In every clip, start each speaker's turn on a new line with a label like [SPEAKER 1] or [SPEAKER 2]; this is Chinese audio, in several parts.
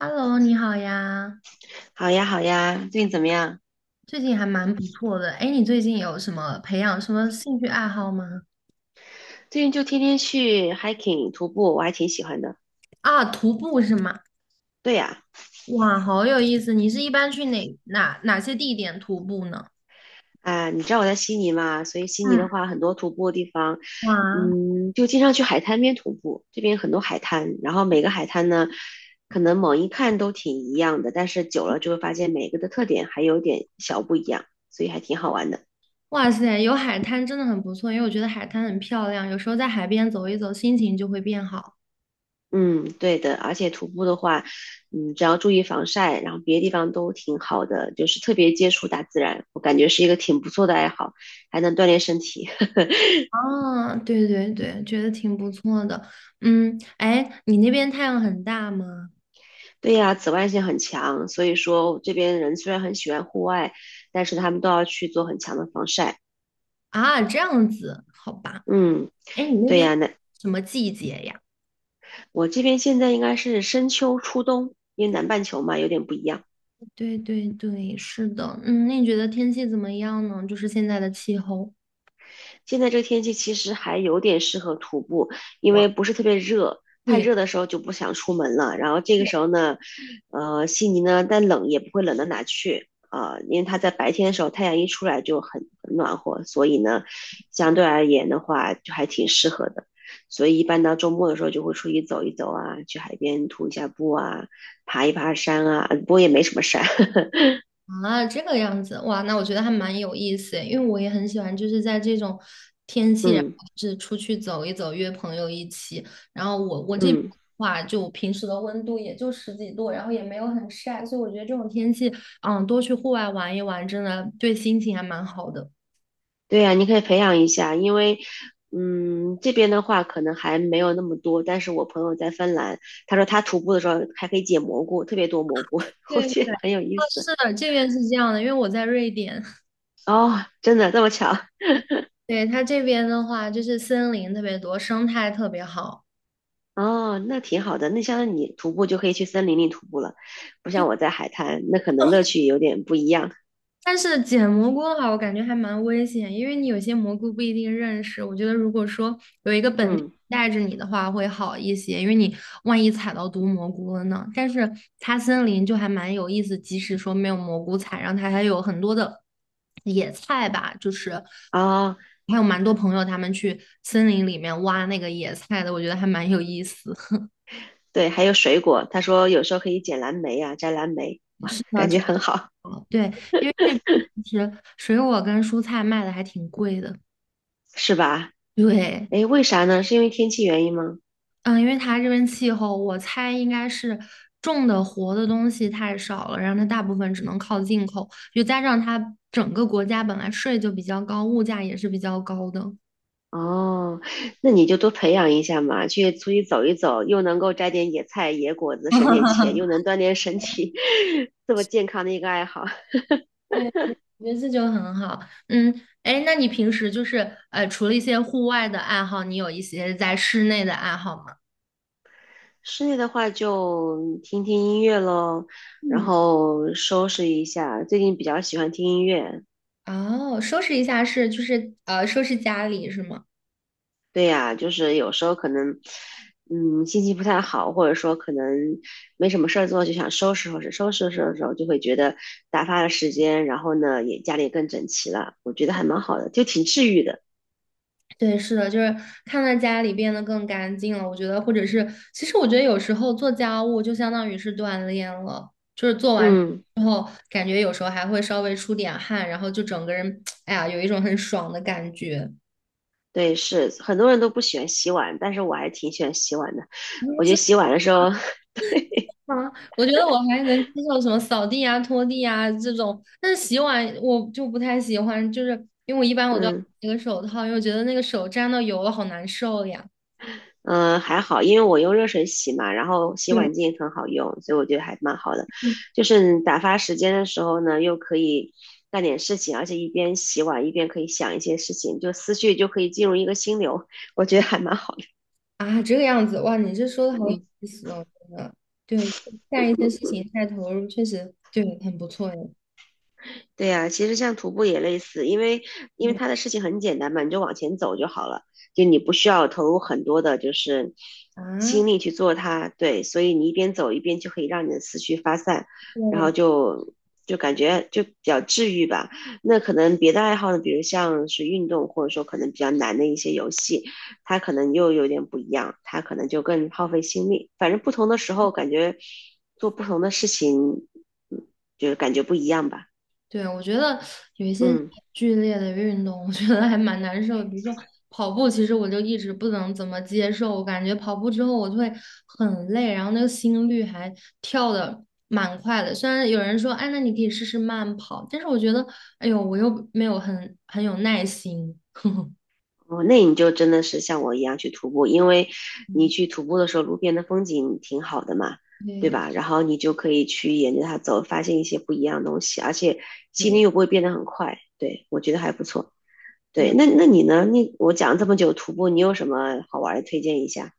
[SPEAKER 1] Hello，你好呀，
[SPEAKER 2] 好呀，好呀，最近怎么样？
[SPEAKER 1] 最近还蛮不错的。哎，你最近有什么培养什么兴趣爱好吗？
[SPEAKER 2] 最近就天天去 hiking 徒步，我还挺喜欢的。
[SPEAKER 1] 啊，徒步是吗？
[SPEAKER 2] 对呀，
[SPEAKER 1] 哇，好有意思！你是一般去哪些地点徒步呢？
[SPEAKER 2] 啊，你知道我在悉尼嘛，所以悉尼
[SPEAKER 1] 嗯，
[SPEAKER 2] 的话，很多徒步的地方，
[SPEAKER 1] 哇
[SPEAKER 2] 嗯，就经常去海滩边徒步。这边很多海滩，然后每个海滩呢，可能猛一看都挺一样的，但是久了就会发现每个的特点还有点小不一样，所以还挺好玩的。
[SPEAKER 1] 哇塞，有海滩真的很不错，因为我觉得海滩很漂亮，有时候在海边走一走，心情就会变好。
[SPEAKER 2] 嗯，对的，而且徒步的话，只要注意防晒，然后别的地方都挺好的，就是特别接触大自然，我感觉是一个挺不错的爱好，还能锻炼身体。
[SPEAKER 1] 啊，对对对，觉得挺不错的。嗯，哎，你那边太阳很大吗？
[SPEAKER 2] 对呀，紫外线很强，所以说这边人虽然很喜欢户外，但是他们都要去做很强的防晒。
[SPEAKER 1] 啊，这样子，好吧。
[SPEAKER 2] 嗯，
[SPEAKER 1] 哎，你那
[SPEAKER 2] 对
[SPEAKER 1] 边
[SPEAKER 2] 呀，那
[SPEAKER 1] 什么季节呀？
[SPEAKER 2] 我这边现在应该是深秋初冬，因为南半球嘛有点不一样。
[SPEAKER 1] 对对对，是的，嗯，那你觉得天气怎么样呢？就是现在的气候。
[SPEAKER 2] 现在这个天气其实还有点适合徒步，因
[SPEAKER 1] 哇，
[SPEAKER 2] 为不是特别热，太
[SPEAKER 1] 对，
[SPEAKER 2] 热的时候就不想出门了。然后这个
[SPEAKER 1] 对
[SPEAKER 2] 时候呢，悉尼呢，但冷也不会冷到哪去啊、因为它在白天的时候太阳一出来就很暖和，所以呢，相对而言的话就还挺适合的。所以一般到周末的时候就会出去走一走啊，去海边徒一下步啊，爬一爬山啊，不过也没什么山。
[SPEAKER 1] 啊，这个样子，哇，那我觉得还蛮有意思诶，因为我也很喜欢，就是在这种天气，然
[SPEAKER 2] 嗯
[SPEAKER 1] 后就是出去走一走，约朋友一起。然后我这边
[SPEAKER 2] 嗯。
[SPEAKER 1] 的话，就平时的温度也就十几度，然后也没有很晒，所以我觉得这种天气，嗯，多去户外玩一玩，真的对心情还蛮好的。
[SPEAKER 2] 对呀，你可以培养一下，因为这边的话可能还没有那么多，但是我朋友在芬兰，他说他徒步的时候还可以捡蘑菇，特别多蘑菇，我
[SPEAKER 1] 对
[SPEAKER 2] 觉
[SPEAKER 1] 对，
[SPEAKER 2] 得
[SPEAKER 1] 啊，
[SPEAKER 2] 很有意思。
[SPEAKER 1] 是的，这边是这样的，因为我在瑞典。
[SPEAKER 2] 哦，真的这么巧？
[SPEAKER 1] 对，它这边的话，就是森林特别多，生态特别好。
[SPEAKER 2] 哦，那挺好的。那像你徒步就可以去森林里徒步了，不像我在海滩，那可能乐趣有点不一样。
[SPEAKER 1] 但是捡蘑菇的话，我感觉还蛮危险，因为你有些蘑菇不一定认识。我觉得如果说有一个本地
[SPEAKER 2] 嗯，
[SPEAKER 1] 人带着你的话，会好一些，因为你万一踩到毒蘑菇了呢。但是它森林就还蛮有意思，即使说没有蘑菇采，然后它还有很多的野菜吧，就是
[SPEAKER 2] 哦，
[SPEAKER 1] 还有蛮多朋友他们去森林里面挖那个野菜的，我觉得还蛮有意思。
[SPEAKER 2] 对，还有水果，他说有时候可以捡蓝莓啊，摘蓝莓，哇，
[SPEAKER 1] 是的。
[SPEAKER 2] 感觉很好，
[SPEAKER 1] 了。对，因为这边其实水果跟蔬菜卖的还挺贵的。
[SPEAKER 2] 是吧？
[SPEAKER 1] 对，
[SPEAKER 2] 诶，为啥呢？是因为天气原因吗？
[SPEAKER 1] 嗯，因为它这边气候，我猜应该是种的活的东西太少了，然后它大部分只能靠进口，又加上它整个国家本来税就比较高，物价也是比较高的。
[SPEAKER 2] 哦，那你就多培养一下嘛，去出去走一走，又能够摘点野菜、野果子，省点钱，又能锻炼身体，这么健康的一个爱好。
[SPEAKER 1] 对，对我觉得这就很好。嗯，哎，那你平时就是除了一些户外的爱好，你有一些在室内的爱好吗？
[SPEAKER 2] 室内的话就听听音乐喽，然
[SPEAKER 1] 嗯，
[SPEAKER 2] 后收拾一下。最近比较喜欢听音乐，
[SPEAKER 1] 哦，收拾一下是就是收拾家里是吗？
[SPEAKER 2] 对呀，就是有时候可能，嗯，心情不太好，或者说可能没什么事儿做，就想收拾收拾，收拾收拾，就会觉得打发了时间，然后呢，也家里更整齐了，我觉得还蛮好的，就挺治愈的。
[SPEAKER 1] 对，是的，就是看到家里变得更干净了，我觉得，或者是，其实我觉得有时候做家务就相当于是锻炼了，就是做完
[SPEAKER 2] 嗯，
[SPEAKER 1] 之后，感觉有时候还会稍微出点汗，然后就整个人，哎呀，有一种很爽的感觉。
[SPEAKER 2] 对，是很多人都不喜欢洗碗，但是我还挺喜欢洗碗的。我觉得洗碗的时候，
[SPEAKER 1] 啊，我觉得我还能接受什么扫地啊、拖地啊这种，但是洗碗我就不太喜欢，就是因为我一般都要戴
[SPEAKER 2] 嗯
[SPEAKER 1] 一个手套，因为我觉得那个手沾到油了好难受呀。
[SPEAKER 2] 嗯、还好，因为我用热水洗嘛，然后洗
[SPEAKER 1] 对，
[SPEAKER 2] 碗巾也很好用，所以我觉得还蛮好的。就是你打发时间的时候呢，又可以干点事情，而且一边洗碗一边可以想一些事情，就思绪就可以进入一个心流，我觉得还蛮好的。
[SPEAKER 1] 啊，这个样子，哇，你这说的好有
[SPEAKER 2] 嗯。
[SPEAKER 1] 意思哦，真的，对，就干一些事情太投入，确实对，很不错哎。
[SPEAKER 2] 对呀，其实像徒步也类似，因为
[SPEAKER 1] 对
[SPEAKER 2] 它的事情很简单嘛，你就往前走就好了，就你不需要投入很多的，就是心
[SPEAKER 1] 啊，
[SPEAKER 2] 力去做它。对，所以你一边走一边就可以让你的思绪发散，然
[SPEAKER 1] 对
[SPEAKER 2] 后就就感觉就比较治愈吧。那可能别的爱好呢，比如像是运动，或者说可能比较难的一些游戏，它可能又有点不一样，它可能就更耗费心力。反正不同的时候，感觉做不同的事情，嗯，就是感觉不一样吧。
[SPEAKER 1] 对，我觉得有一些
[SPEAKER 2] 嗯。
[SPEAKER 1] 剧烈的运动，我觉得还蛮难受的。比如说跑步，其实我就一直不能怎么接受，我感觉跑步之后我就会很累，然后那个心率还跳的蛮快的。虽然有人说，哎，那你可以试试慢跑，但是我觉得，哎呦，我又没有很有耐心。
[SPEAKER 2] 哦，那你就真的是像我一样去徒步，因为你
[SPEAKER 1] 嗯
[SPEAKER 2] 去徒步的时候，路边的风景挺好的嘛，对
[SPEAKER 1] 对
[SPEAKER 2] 吧？然后你就可以去沿着它走，发现一些不一样的东西，而且心率
[SPEAKER 1] 对。
[SPEAKER 2] 又不会变得很快。对，我觉得还不错。对，
[SPEAKER 1] 对
[SPEAKER 2] 那你呢？你我讲了这么久徒步，你有什么好玩的推荐一下？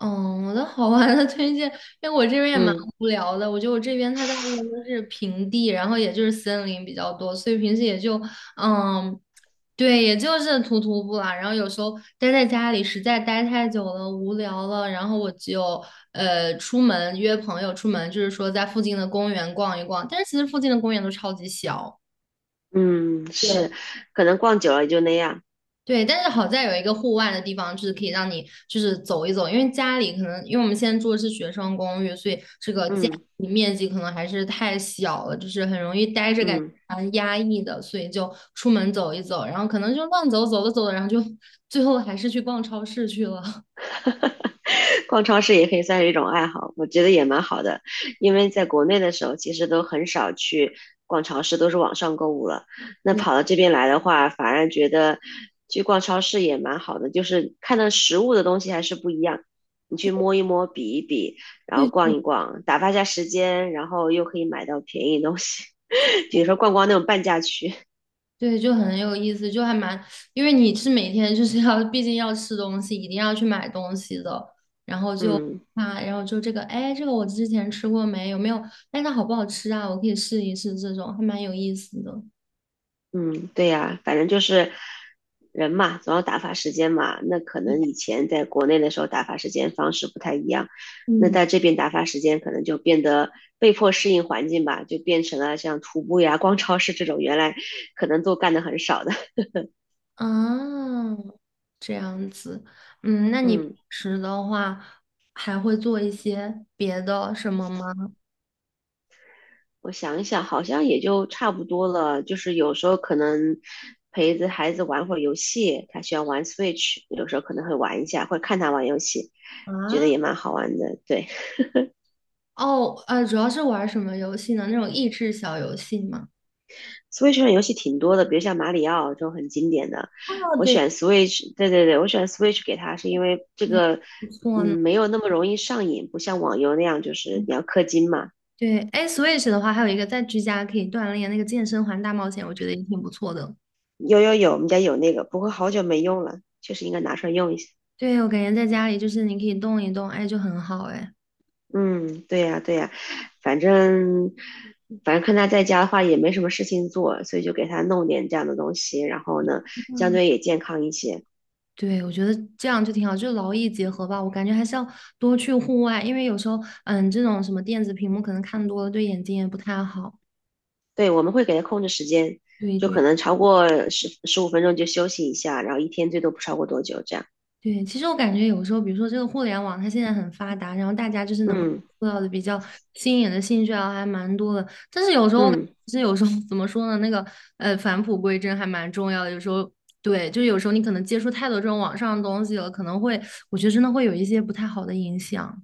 [SPEAKER 1] 嗯，我的好玩的推荐，因为我这边也蛮
[SPEAKER 2] 嗯
[SPEAKER 1] 无聊的。我觉得我这边它大部分都是平地，然后也就是森林比较多，所以平时也就嗯，对，也就是徒步啦。然后有时候待在家里，实在待太久了，无聊了，然后我就出门约朋友出门，就是说在附近的公园逛一逛。但是其实附近的公园都超级小。
[SPEAKER 2] 嗯，
[SPEAKER 1] 对
[SPEAKER 2] 是，可能逛久了也就那样。
[SPEAKER 1] 对，但是好在有一个户外的地方，就是可以让你就是走一走，因为家里可能因为我们现在住的是学生公寓，所以这个家
[SPEAKER 2] 嗯
[SPEAKER 1] 里面积可能还是太小了，就是很容易待着感觉
[SPEAKER 2] 嗯。
[SPEAKER 1] 蛮压抑的，所以就出门走一走，然后可能就乱走，走着走着，然后就 最后还是去逛超市去了。
[SPEAKER 2] 逛超市也可以算是一种爱好，我觉得也蛮好的。因为在国内的时候，其实都很少去逛超市，都是网上购物了。那
[SPEAKER 1] 对
[SPEAKER 2] 跑到这边来的话，反而觉得去逛超市也蛮好的，就是看到实物的东西还是不一样。你去摸一摸，比一比，然后
[SPEAKER 1] 对，
[SPEAKER 2] 逛
[SPEAKER 1] 对
[SPEAKER 2] 一逛，打发一下时间，然后又可以买到便宜东西，比如说逛逛那种半价区。
[SPEAKER 1] 对，就很有意思，就还蛮，因为你是每天就是要，毕竟要吃东西，一定要去买东西的，然后就
[SPEAKER 2] 嗯，
[SPEAKER 1] 啊，然后就这个，哎，这个我之前吃过没？有没有？哎，它好不好吃啊？我可以试一试，这种还蛮有意思的。
[SPEAKER 2] 嗯，对呀，反正就是人嘛，总要打发时间嘛。那可能以前在国内的时候打发时间方式不太一样，那
[SPEAKER 1] 嗯
[SPEAKER 2] 在这边打发时间可能就变得被迫适应环境吧，就变成了像徒步呀、逛超市这种原来可能都干的很少的。
[SPEAKER 1] 啊，这样子，嗯，那你平
[SPEAKER 2] 嗯，
[SPEAKER 1] 时的话还会做一些别的什么吗？
[SPEAKER 2] 我想一想，好像也就差不多了。就是有时候可能陪着孩子玩会儿游戏，他喜欢玩 Switch，有时候可能会玩一下，会看他玩游戏，觉得
[SPEAKER 1] 啊，
[SPEAKER 2] 也蛮好玩的。对。
[SPEAKER 1] 哦，主要是玩什么游戏呢？那种益智小游戏吗？
[SPEAKER 2] Switch 上游戏挺多的，比如像马里奥这种很经典的。
[SPEAKER 1] 哦，
[SPEAKER 2] 我
[SPEAKER 1] 对，
[SPEAKER 2] 选 Switch，对对对，我选 Switch 给它是因为这
[SPEAKER 1] 对
[SPEAKER 2] 个，
[SPEAKER 1] 不
[SPEAKER 2] 嗯，
[SPEAKER 1] 错呢。
[SPEAKER 2] 没有那么容易上瘾，不像网游那样就是你要氪金嘛。
[SPEAKER 1] 对，哎，Switch 的话，还有一个在居家可以锻炼那个健身环大冒险，我觉得也挺不错的。
[SPEAKER 2] 有有有，我们家有那个，不过好久没用了，确实应该拿出来用一下。
[SPEAKER 1] 对，我感觉在家里就是你可以动一动，哎，就很好，哎。
[SPEAKER 2] 嗯，对呀对呀，反正反正看他在家的话也没什么事情做，所以就给他弄点这样的东西，然后呢，相对也健康一些。
[SPEAKER 1] 对，我觉得这样就挺好，就劳逸结合吧。我感觉还是要多去户外，因为有时候，嗯，这种什么电子屏幕可能看多了对眼睛也不太好。
[SPEAKER 2] 对，我们会给他控制时间，
[SPEAKER 1] 对
[SPEAKER 2] 就
[SPEAKER 1] 对。
[SPEAKER 2] 可能超过十五分钟就休息一下，然后一天最多不超过多久这样。
[SPEAKER 1] 对，其实我感觉有时候，比如说这个互联网，它现在很发达，然后大家就是能够
[SPEAKER 2] 嗯
[SPEAKER 1] 做到的比较新颖的兴趣啊，还蛮多的。但是有时候我感
[SPEAKER 2] 嗯，
[SPEAKER 1] 其实有时候 怎么说呢，那个返璞归真还蛮重要的。有时候对，就是有时候你可能接触太多这种网上的东西了，可能会我觉得真的会有一些不太好的影响。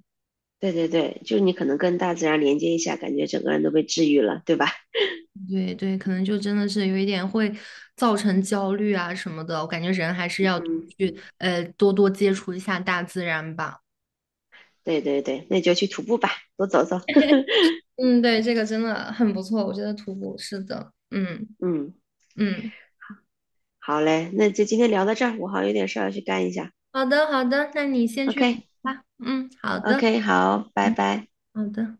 [SPEAKER 2] 对对对，就是你可能跟大自然连接一下，感觉整个人都被治愈了，对吧？
[SPEAKER 1] 对对，可能就真的是有一点会造成焦虑啊什么的。我感觉人还是要
[SPEAKER 2] 嗯，
[SPEAKER 1] 去多多接触一下大自然吧。
[SPEAKER 2] 对对对，那你就去徒步吧，多走走。
[SPEAKER 1] 嗯，对，这个真的很不错，我觉得徒步是的，嗯
[SPEAKER 2] 嗯，
[SPEAKER 1] 嗯，
[SPEAKER 2] 好嘞，那就今天聊到这儿，我好像有点事儿要去干一下。
[SPEAKER 1] 好的好的，那你先去
[SPEAKER 2] OK
[SPEAKER 1] 吧，嗯，好的，
[SPEAKER 2] OK，好，拜
[SPEAKER 1] 嗯，
[SPEAKER 2] 拜。
[SPEAKER 1] 好的。